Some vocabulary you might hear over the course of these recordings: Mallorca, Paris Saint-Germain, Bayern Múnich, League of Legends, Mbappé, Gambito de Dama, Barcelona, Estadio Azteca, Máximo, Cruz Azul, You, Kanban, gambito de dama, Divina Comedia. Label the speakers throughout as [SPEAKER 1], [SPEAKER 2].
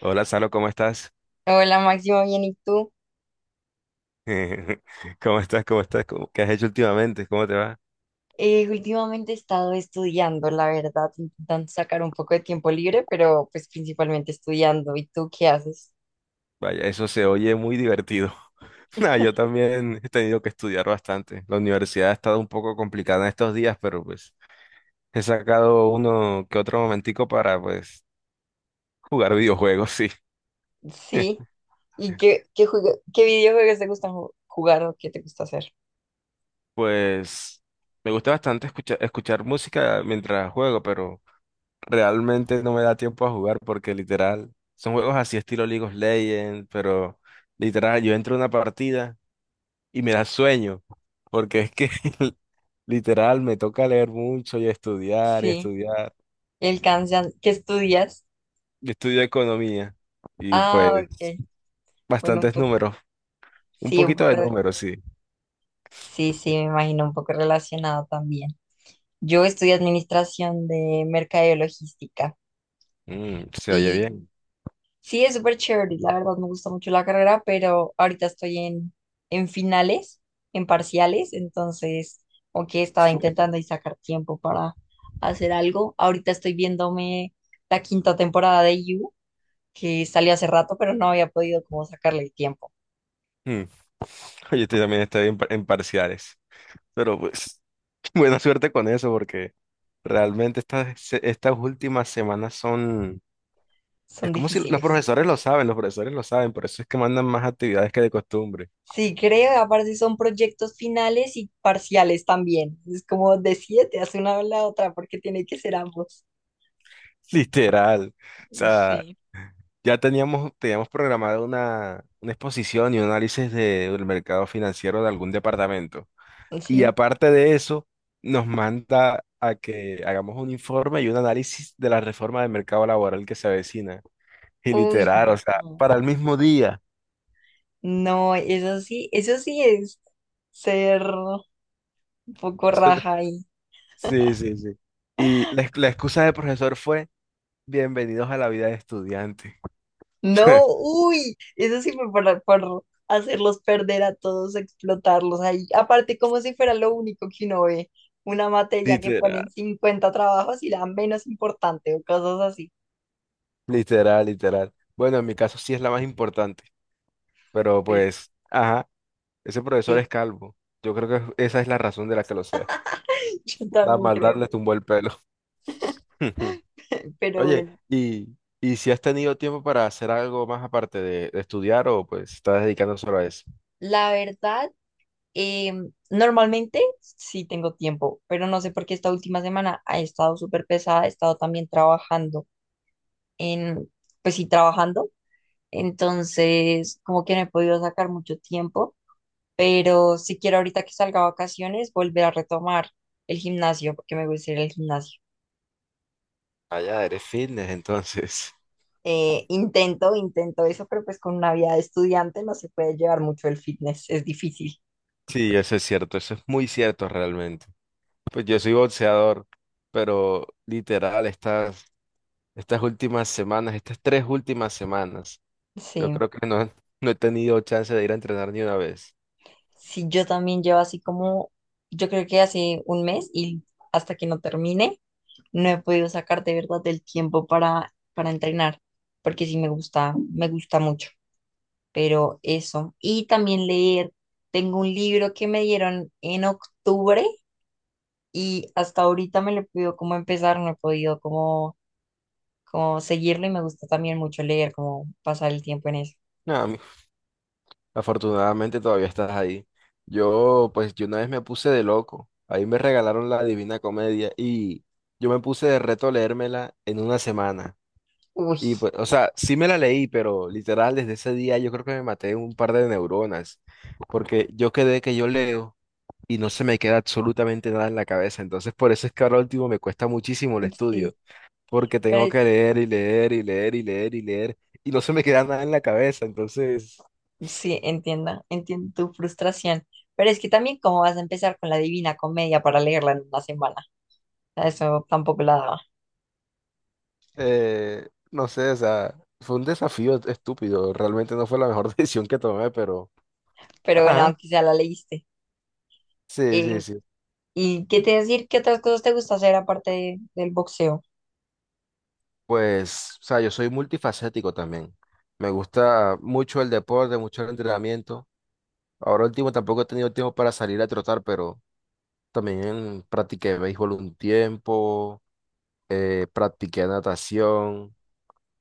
[SPEAKER 1] Hola, Salo, ¿cómo estás?
[SPEAKER 2] Hola Máximo, bien, ¿y tú?
[SPEAKER 1] ¿Cómo estás? ¿Cómo estás? ¿Qué has hecho últimamente? ¿Cómo te va?
[SPEAKER 2] Últimamente he estado estudiando, la verdad, intentando sacar un poco de tiempo libre, pero pues principalmente estudiando. ¿Y tú qué haces?
[SPEAKER 1] Vaya, eso se oye muy divertido. Nah, yo también he tenido que estudiar bastante. La universidad ha estado un poco complicada en estos días, pero pues he sacado uno que otro momentico para pues jugar videojuegos, sí.
[SPEAKER 2] Sí. ¿Y qué videojuegos te gustan jugar o qué te gusta hacer?
[SPEAKER 1] Pues me gusta bastante escuchar música mientras juego, pero realmente no me da tiempo a jugar porque literal son juegos así estilo League of Legends, pero literal yo entro a una partida y me da sueño, porque es que literal me toca leer mucho y estudiar y
[SPEAKER 2] Sí.
[SPEAKER 1] estudiar.
[SPEAKER 2] El Kanban, ¿qué estudias?
[SPEAKER 1] Yo estudio economía y
[SPEAKER 2] Ah,
[SPEAKER 1] pues
[SPEAKER 2] ok. Bueno, un
[SPEAKER 1] bastantes
[SPEAKER 2] poco,
[SPEAKER 1] números, un
[SPEAKER 2] sí, un
[SPEAKER 1] poquito
[SPEAKER 2] poco,
[SPEAKER 1] de números, sí.
[SPEAKER 2] sí, sí, me imagino un poco relacionado también. Yo estudié administración de mercadeo y logística.
[SPEAKER 1] Mm, se oye bien.
[SPEAKER 2] Sí, es súper chévere, la verdad me gusta mucho la carrera, pero ahorita estoy en finales, en parciales, entonces, aunque estaba intentando y sacar tiempo para hacer algo, ahorita estoy viéndome la quinta temporada de You, que salió hace rato, pero no había podido como sacarle el tiempo.
[SPEAKER 1] Mm. Oye, estoy también estoy en, par- en parciales, pero pues buena suerte con eso porque realmente estas últimas semanas son... Es
[SPEAKER 2] Son
[SPEAKER 1] como si los
[SPEAKER 2] difíciles.
[SPEAKER 1] profesores lo saben, los profesores lo saben, por eso es que mandan más actividades que de costumbre.
[SPEAKER 2] Sí, creo, aparte son proyectos finales y parciales también. Es como de siete, hace una o la otra, porque tiene que ser ambos.
[SPEAKER 1] Literal. O sea,
[SPEAKER 2] Sí.
[SPEAKER 1] ya teníamos programado una exposición y un análisis del mercado financiero de algún departamento. Y
[SPEAKER 2] Sí.
[SPEAKER 1] aparte de eso, nos manda a que hagamos un informe y un análisis de la reforma del mercado laboral que se avecina. Y
[SPEAKER 2] Uy,
[SPEAKER 1] literal, o sea,
[SPEAKER 2] no.
[SPEAKER 1] para el mismo día.
[SPEAKER 2] No, eso sí es ser un poco
[SPEAKER 1] Eso no-
[SPEAKER 2] raja ahí.
[SPEAKER 1] sí, sí, sí. Y la excusa del profesor fue: bienvenidos a la vida de estudiante.
[SPEAKER 2] No, uy, eso sí fue para, por hacerlos perder a todos, explotarlos ahí. Aparte, como si fuera lo único que uno ve, una materia que
[SPEAKER 1] Literal,
[SPEAKER 2] ponen 50 trabajos y la menos importante o cosas así.
[SPEAKER 1] literal, literal. Bueno, en mi caso sí es la más importante, pero
[SPEAKER 2] Pues
[SPEAKER 1] pues... Ajá. Ese profesor
[SPEAKER 2] sí,
[SPEAKER 1] es calvo. Yo creo que esa es la razón de la que lo sea.
[SPEAKER 2] yo
[SPEAKER 1] La
[SPEAKER 2] también
[SPEAKER 1] maldad
[SPEAKER 2] creo,
[SPEAKER 1] le tumbó el pelo.
[SPEAKER 2] pero
[SPEAKER 1] Oye,
[SPEAKER 2] bueno,
[SPEAKER 1] ¿y si has tenido tiempo para hacer algo más aparte de estudiar o pues estás dedicando solo a eso?
[SPEAKER 2] la verdad, eh, normalmente sí tengo tiempo, pero no sé por qué esta última semana ha estado súper pesada, he estado también trabajando en, pues sí, trabajando. Entonces, como que no he podido sacar mucho tiempo, pero si quiero ahorita que salga a vacaciones, volver a retomar el gimnasio, porque me gusta ir al gimnasio.
[SPEAKER 1] Allá eres fitness, entonces.
[SPEAKER 2] Intento, intento eso, pero pues con una vida de estudiante no se puede llevar mucho el fitness, es difícil.
[SPEAKER 1] Sí, eso es cierto, eso es muy cierto realmente. Pues yo soy boxeador, pero literal, estas últimas semanas, estas tres últimas semanas, yo
[SPEAKER 2] Sí,
[SPEAKER 1] creo que no, no he tenido chance de ir a entrenar ni una vez.
[SPEAKER 2] sí, yo también llevo así como, yo creo que hace un mes y hasta que no termine, no he podido sacar de verdad el tiempo para, entrenar, porque sí me gusta mucho. Pero eso. Y también leer. Tengo un libro que me dieron en octubre y hasta ahorita me lo pido como empezar, no he podido como seguirlo y me gusta también mucho leer, como pasar el tiempo en eso.
[SPEAKER 1] No, a Afortunadamente todavía estás ahí. Yo, pues, yo una vez me puse de loco. Ahí me regalaron la Divina Comedia y yo me puse de reto leérmela en una semana.
[SPEAKER 2] Uy,
[SPEAKER 1] Y pues, o sea, sí me la leí, pero literal desde ese día yo creo que me maté un par de neuronas, porque yo quedé que yo leo y no se me queda absolutamente nada en la cabeza. Entonces, por eso es que ahora último me cuesta muchísimo el
[SPEAKER 2] sí,
[SPEAKER 1] estudio, porque tengo
[SPEAKER 2] pero
[SPEAKER 1] que leer y leer y leer y leer y leer y no se me queda nada en la cabeza. Entonces...
[SPEAKER 2] sí, entiendo, entiendo tu frustración. Pero es que también cómo vas a empezar con la Divina Comedia para leerla en una semana. A eso tampoco la daba.
[SPEAKER 1] no sé, o sea, fue un desafío estúpido. Realmente no fue la mejor decisión que tomé, pero
[SPEAKER 2] Pero bueno,
[SPEAKER 1] ajá,
[SPEAKER 2] aunque sea la leíste.
[SPEAKER 1] sí, sí,
[SPEAKER 2] Eh,
[SPEAKER 1] sí.
[SPEAKER 2] ¿Y qué te decir? ¿Qué otras cosas te gusta hacer aparte del boxeo?
[SPEAKER 1] Pues, o sea, yo soy multifacético también. Me gusta mucho el deporte, mucho el entrenamiento. Ahora último tampoco he tenido tiempo para salir a trotar, pero también practiqué béisbol un tiempo, practiqué natación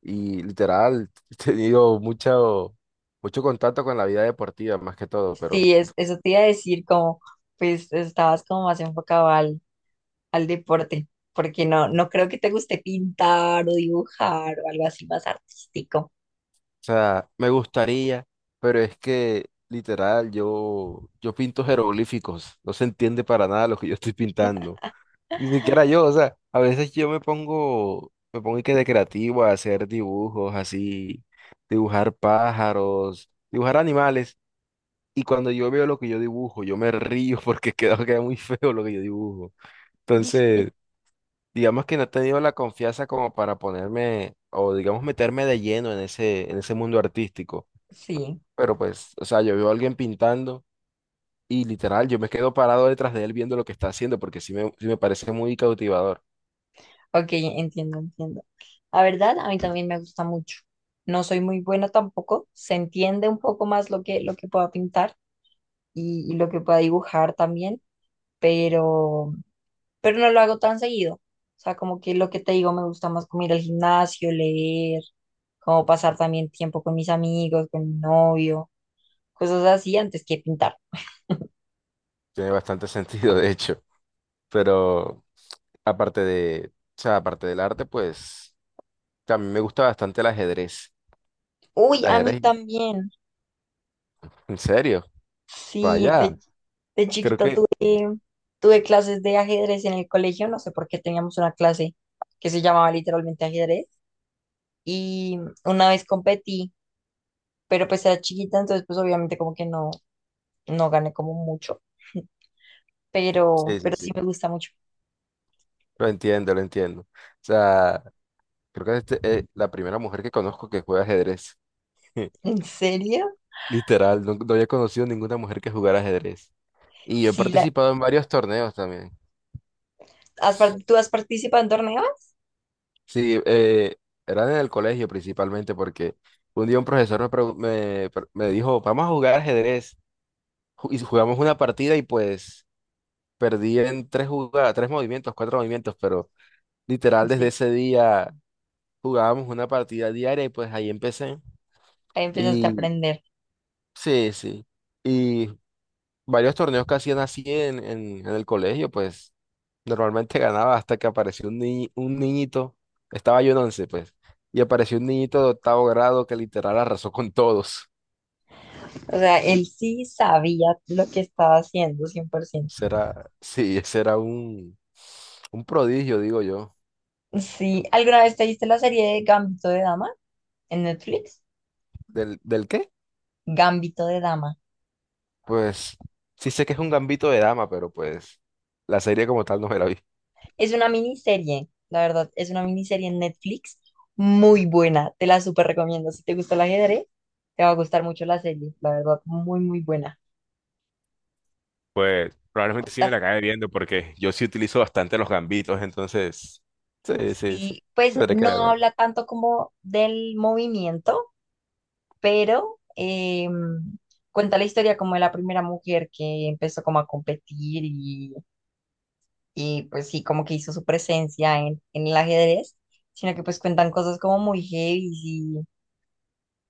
[SPEAKER 1] y literal he tenido mucho, mucho contacto con la vida deportiva más que todo, pero...
[SPEAKER 2] Sí, es, eso te iba a decir, como pues estabas como más enfocado al, deporte, porque no creo que te guste pintar o dibujar o algo así más artístico.
[SPEAKER 1] sea, me gustaría, pero es que literal, yo pinto jeroglíficos, no se entiende para nada lo que yo estoy pintando. Ni siquiera yo, o sea, a veces yo me pongo y que de creativo a hacer dibujos así, dibujar pájaros, dibujar animales, y cuando yo veo lo que yo dibujo, yo me río porque queda muy feo lo que yo dibujo.
[SPEAKER 2] Sí,
[SPEAKER 1] Entonces, digamos que no he tenido la confianza como para ponerme, o digamos meterme de lleno en en ese mundo artístico.
[SPEAKER 2] sí,
[SPEAKER 1] Pero pues, o sea, yo veo a alguien pintando y literal, yo me quedo parado detrás de él viendo lo que está haciendo porque sí me parece muy cautivador.
[SPEAKER 2] ok, entiendo, entiendo. La verdad, a mí también me gusta mucho. No soy muy buena tampoco, se entiende un poco más lo que, pueda pintar y lo que pueda dibujar también, pero no lo hago tan seguido. O sea, como que lo que te digo, me gusta más como ir al gimnasio, leer, como pasar también tiempo con mis amigos, con mi novio, cosas así antes que pintar.
[SPEAKER 1] Tiene bastante sentido, de hecho. Pero aparte de, o sea, aparte del arte, pues a mí me gusta bastante el ajedrez. El
[SPEAKER 2] Uy, a mí
[SPEAKER 1] ajedrez,
[SPEAKER 2] también.
[SPEAKER 1] en serio,
[SPEAKER 2] Sí,
[SPEAKER 1] vaya,
[SPEAKER 2] de
[SPEAKER 1] creo
[SPEAKER 2] chiquita
[SPEAKER 1] que
[SPEAKER 2] tuve, tuve clases de ajedrez en el colegio, no sé por qué teníamos una clase que se llamaba literalmente ajedrez y una vez competí, pero pues era chiquita, entonces pues obviamente como que no, gané como mucho, pero,
[SPEAKER 1] sí, sí,
[SPEAKER 2] pero sí
[SPEAKER 1] sí.
[SPEAKER 2] me gusta mucho.
[SPEAKER 1] Lo entiendo, lo entiendo. O sea, creo que este es la primera mujer que conozco que juega ajedrez.
[SPEAKER 2] ¿En serio?
[SPEAKER 1] Literal, no, no había conocido ninguna mujer que jugara ajedrez. Y yo he
[SPEAKER 2] Sí,
[SPEAKER 1] participado en varios torneos también.
[SPEAKER 2] ¿tú has participado en torneos?
[SPEAKER 1] Sí, era en el colegio principalmente porque un día un profesor me, pregu- me, pre- me dijo: vamos a jugar ajedrez. Y jugamos una partida y pues perdí en tres jugadas, tres movimientos, cuatro movimientos, pero literal desde
[SPEAKER 2] Sí,
[SPEAKER 1] ese día jugábamos una partida diaria y pues ahí empecé.
[SPEAKER 2] ahí empezaste a
[SPEAKER 1] Y
[SPEAKER 2] aprender.
[SPEAKER 1] sí, sí. Y varios torneos que hacían así en el colegio, pues normalmente ganaba hasta que apareció un niñito, estaba yo en once, pues, y apareció un niñito de octavo grado que literal arrasó con todos.
[SPEAKER 2] O sea, él sí sabía lo que estaba haciendo, 100%.
[SPEAKER 1] Será, sí, ese era un prodigio, digo yo.
[SPEAKER 2] Sí, ¿alguna vez te viste la serie de Gambito de Dama en Netflix?
[SPEAKER 1] ¿Del qué?
[SPEAKER 2] Gambito de Dama.
[SPEAKER 1] Pues sí sé que es un gambito de dama, pero pues la serie como tal no me la vi.
[SPEAKER 2] Es una miniserie, la verdad, es una miniserie en Netflix muy buena. Te la súper recomiendo. Si te gusta el ajedrez, te va a gustar mucho la serie, la verdad, muy, muy buena.
[SPEAKER 1] Pues probablemente sí me
[SPEAKER 2] Cuenta-
[SPEAKER 1] la acabe viendo porque yo sí utilizo bastante los gambitos, entonces sí, sí, sí.
[SPEAKER 2] Sí, pues
[SPEAKER 1] Tendré que
[SPEAKER 2] no
[SPEAKER 1] ver.
[SPEAKER 2] habla tanto como del movimiento, pero cuenta la historia como de la primera mujer que empezó como a competir y, pues sí, como que hizo su presencia en el ajedrez, sino que pues cuentan cosas como muy heavy y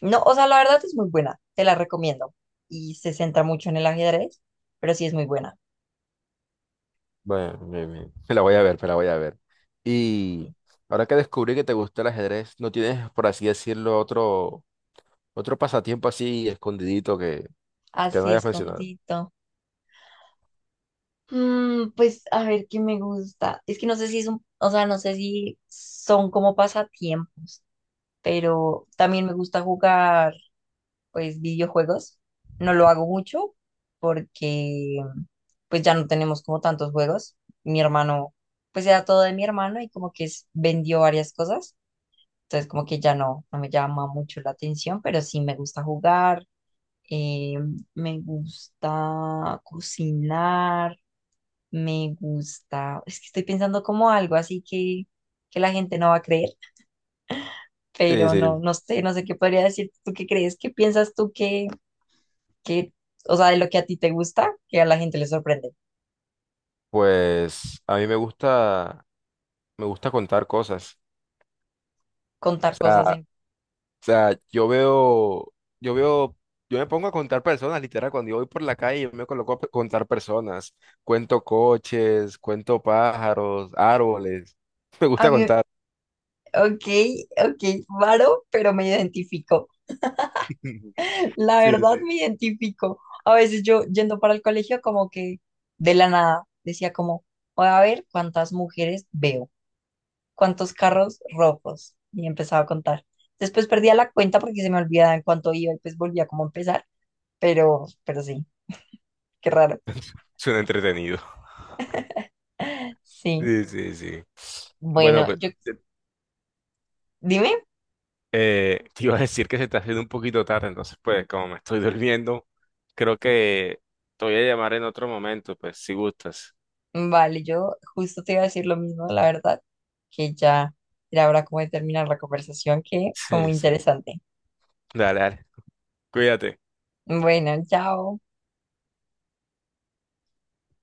[SPEAKER 2] no, o sea, la verdad es muy buena, te la recomiendo y se centra mucho en el ajedrez, pero sí es muy buena.
[SPEAKER 1] Bueno, bien, bien. Me la voy a ver, me la voy a ver. Y ahora que descubrí que te gusta el ajedrez, ¿no tienes, por así decirlo, otro pasatiempo así escondidito que no
[SPEAKER 2] Así
[SPEAKER 1] hayas mencionado?
[SPEAKER 2] escondido. Mm, pues a ver qué me gusta. Es que no sé si es un, o sea, no sé si son como pasatiempos, pero también me gusta jugar pues videojuegos. No lo hago mucho porque pues ya no tenemos como tantos juegos. Mi hermano, pues era todo de mi hermano y como que vendió varias cosas. Entonces como que ya no, me llama mucho la atención, pero sí me gusta jugar, eh, me gusta cocinar, me gusta, es que estoy pensando como algo así que la gente no va a creer,
[SPEAKER 1] Sí,
[SPEAKER 2] pero no,
[SPEAKER 1] sí.
[SPEAKER 2] no sé, no sé qué podría decir. ¿Tú qué crees? ¿Qué piensas tú que, o sea, de lo que a ti te gusta, que a la gente le sorprende.
[SPEAKER 1] Pues a mí me gusta contar cosas.
[SPEAKER 2] Contar cosas
[SPEAKER 1] O
[SPEAKER 2] así.
[SPEAKER 1] sea, yo veo, yo me pongo a contar personas, literal, cuando yo voy por la calle, yo me coloco a contar personas. Cuento coches, cuento pájaros, árboles. Me
[SPEAKER 2] A
[SPEAKER 1] gusta
[SPEAKER 2] mí,
[SPEAKER 1] contar.
[SPEAKER 2] ok, ok, raro, pero me identifico. La
[SPEAKER 1] Sí,
[SPEAKER 2] verdad
[SPEAKER 1] sí.
[SPEAKER 2] me identifico. A veces yo yendo para el colegio como que de la nada decía como, voy a ver cuántas mujeres veo, cuántos carros rojos. Y empezaba a contar. Después perdía la cuenta porque se me olvidaba en cuánto iba y pues volvía como a empezar. Pero sí, qué raro.
[SPEAKER 1] Suena entretenido.
[SPEAKER 2] Sí.
[SPEAKER 1] Sí, sí, sí. Bueno,
[SPEAKER 2] Bueno,
[SPEAKER 1] pues
[SPEAKER 2] yo,
[SPEAKER 1] se-
[SPEAKER 2] dime.
[SPEAKER 1] te iba a decir que se está haciendo un poquito tarde, entonces pues como me estoy durmiendo, creo que te voy a llamar en otro momento, pues si gustas.
[SPEAKER 2] Vale, yo justo te iba a decir lo mismo, la verdad, que ya era hora como de terminar la conversación, que fue
[SPEAKER 1] Sí,
[SPEAKER 2] muy
[SPEAKER 1] sí.
[SPEAKER 2] interesante.
[SPEAKER 1] Dale, dale. Cuídate.
[SPEAKER 2] Bueno, chao.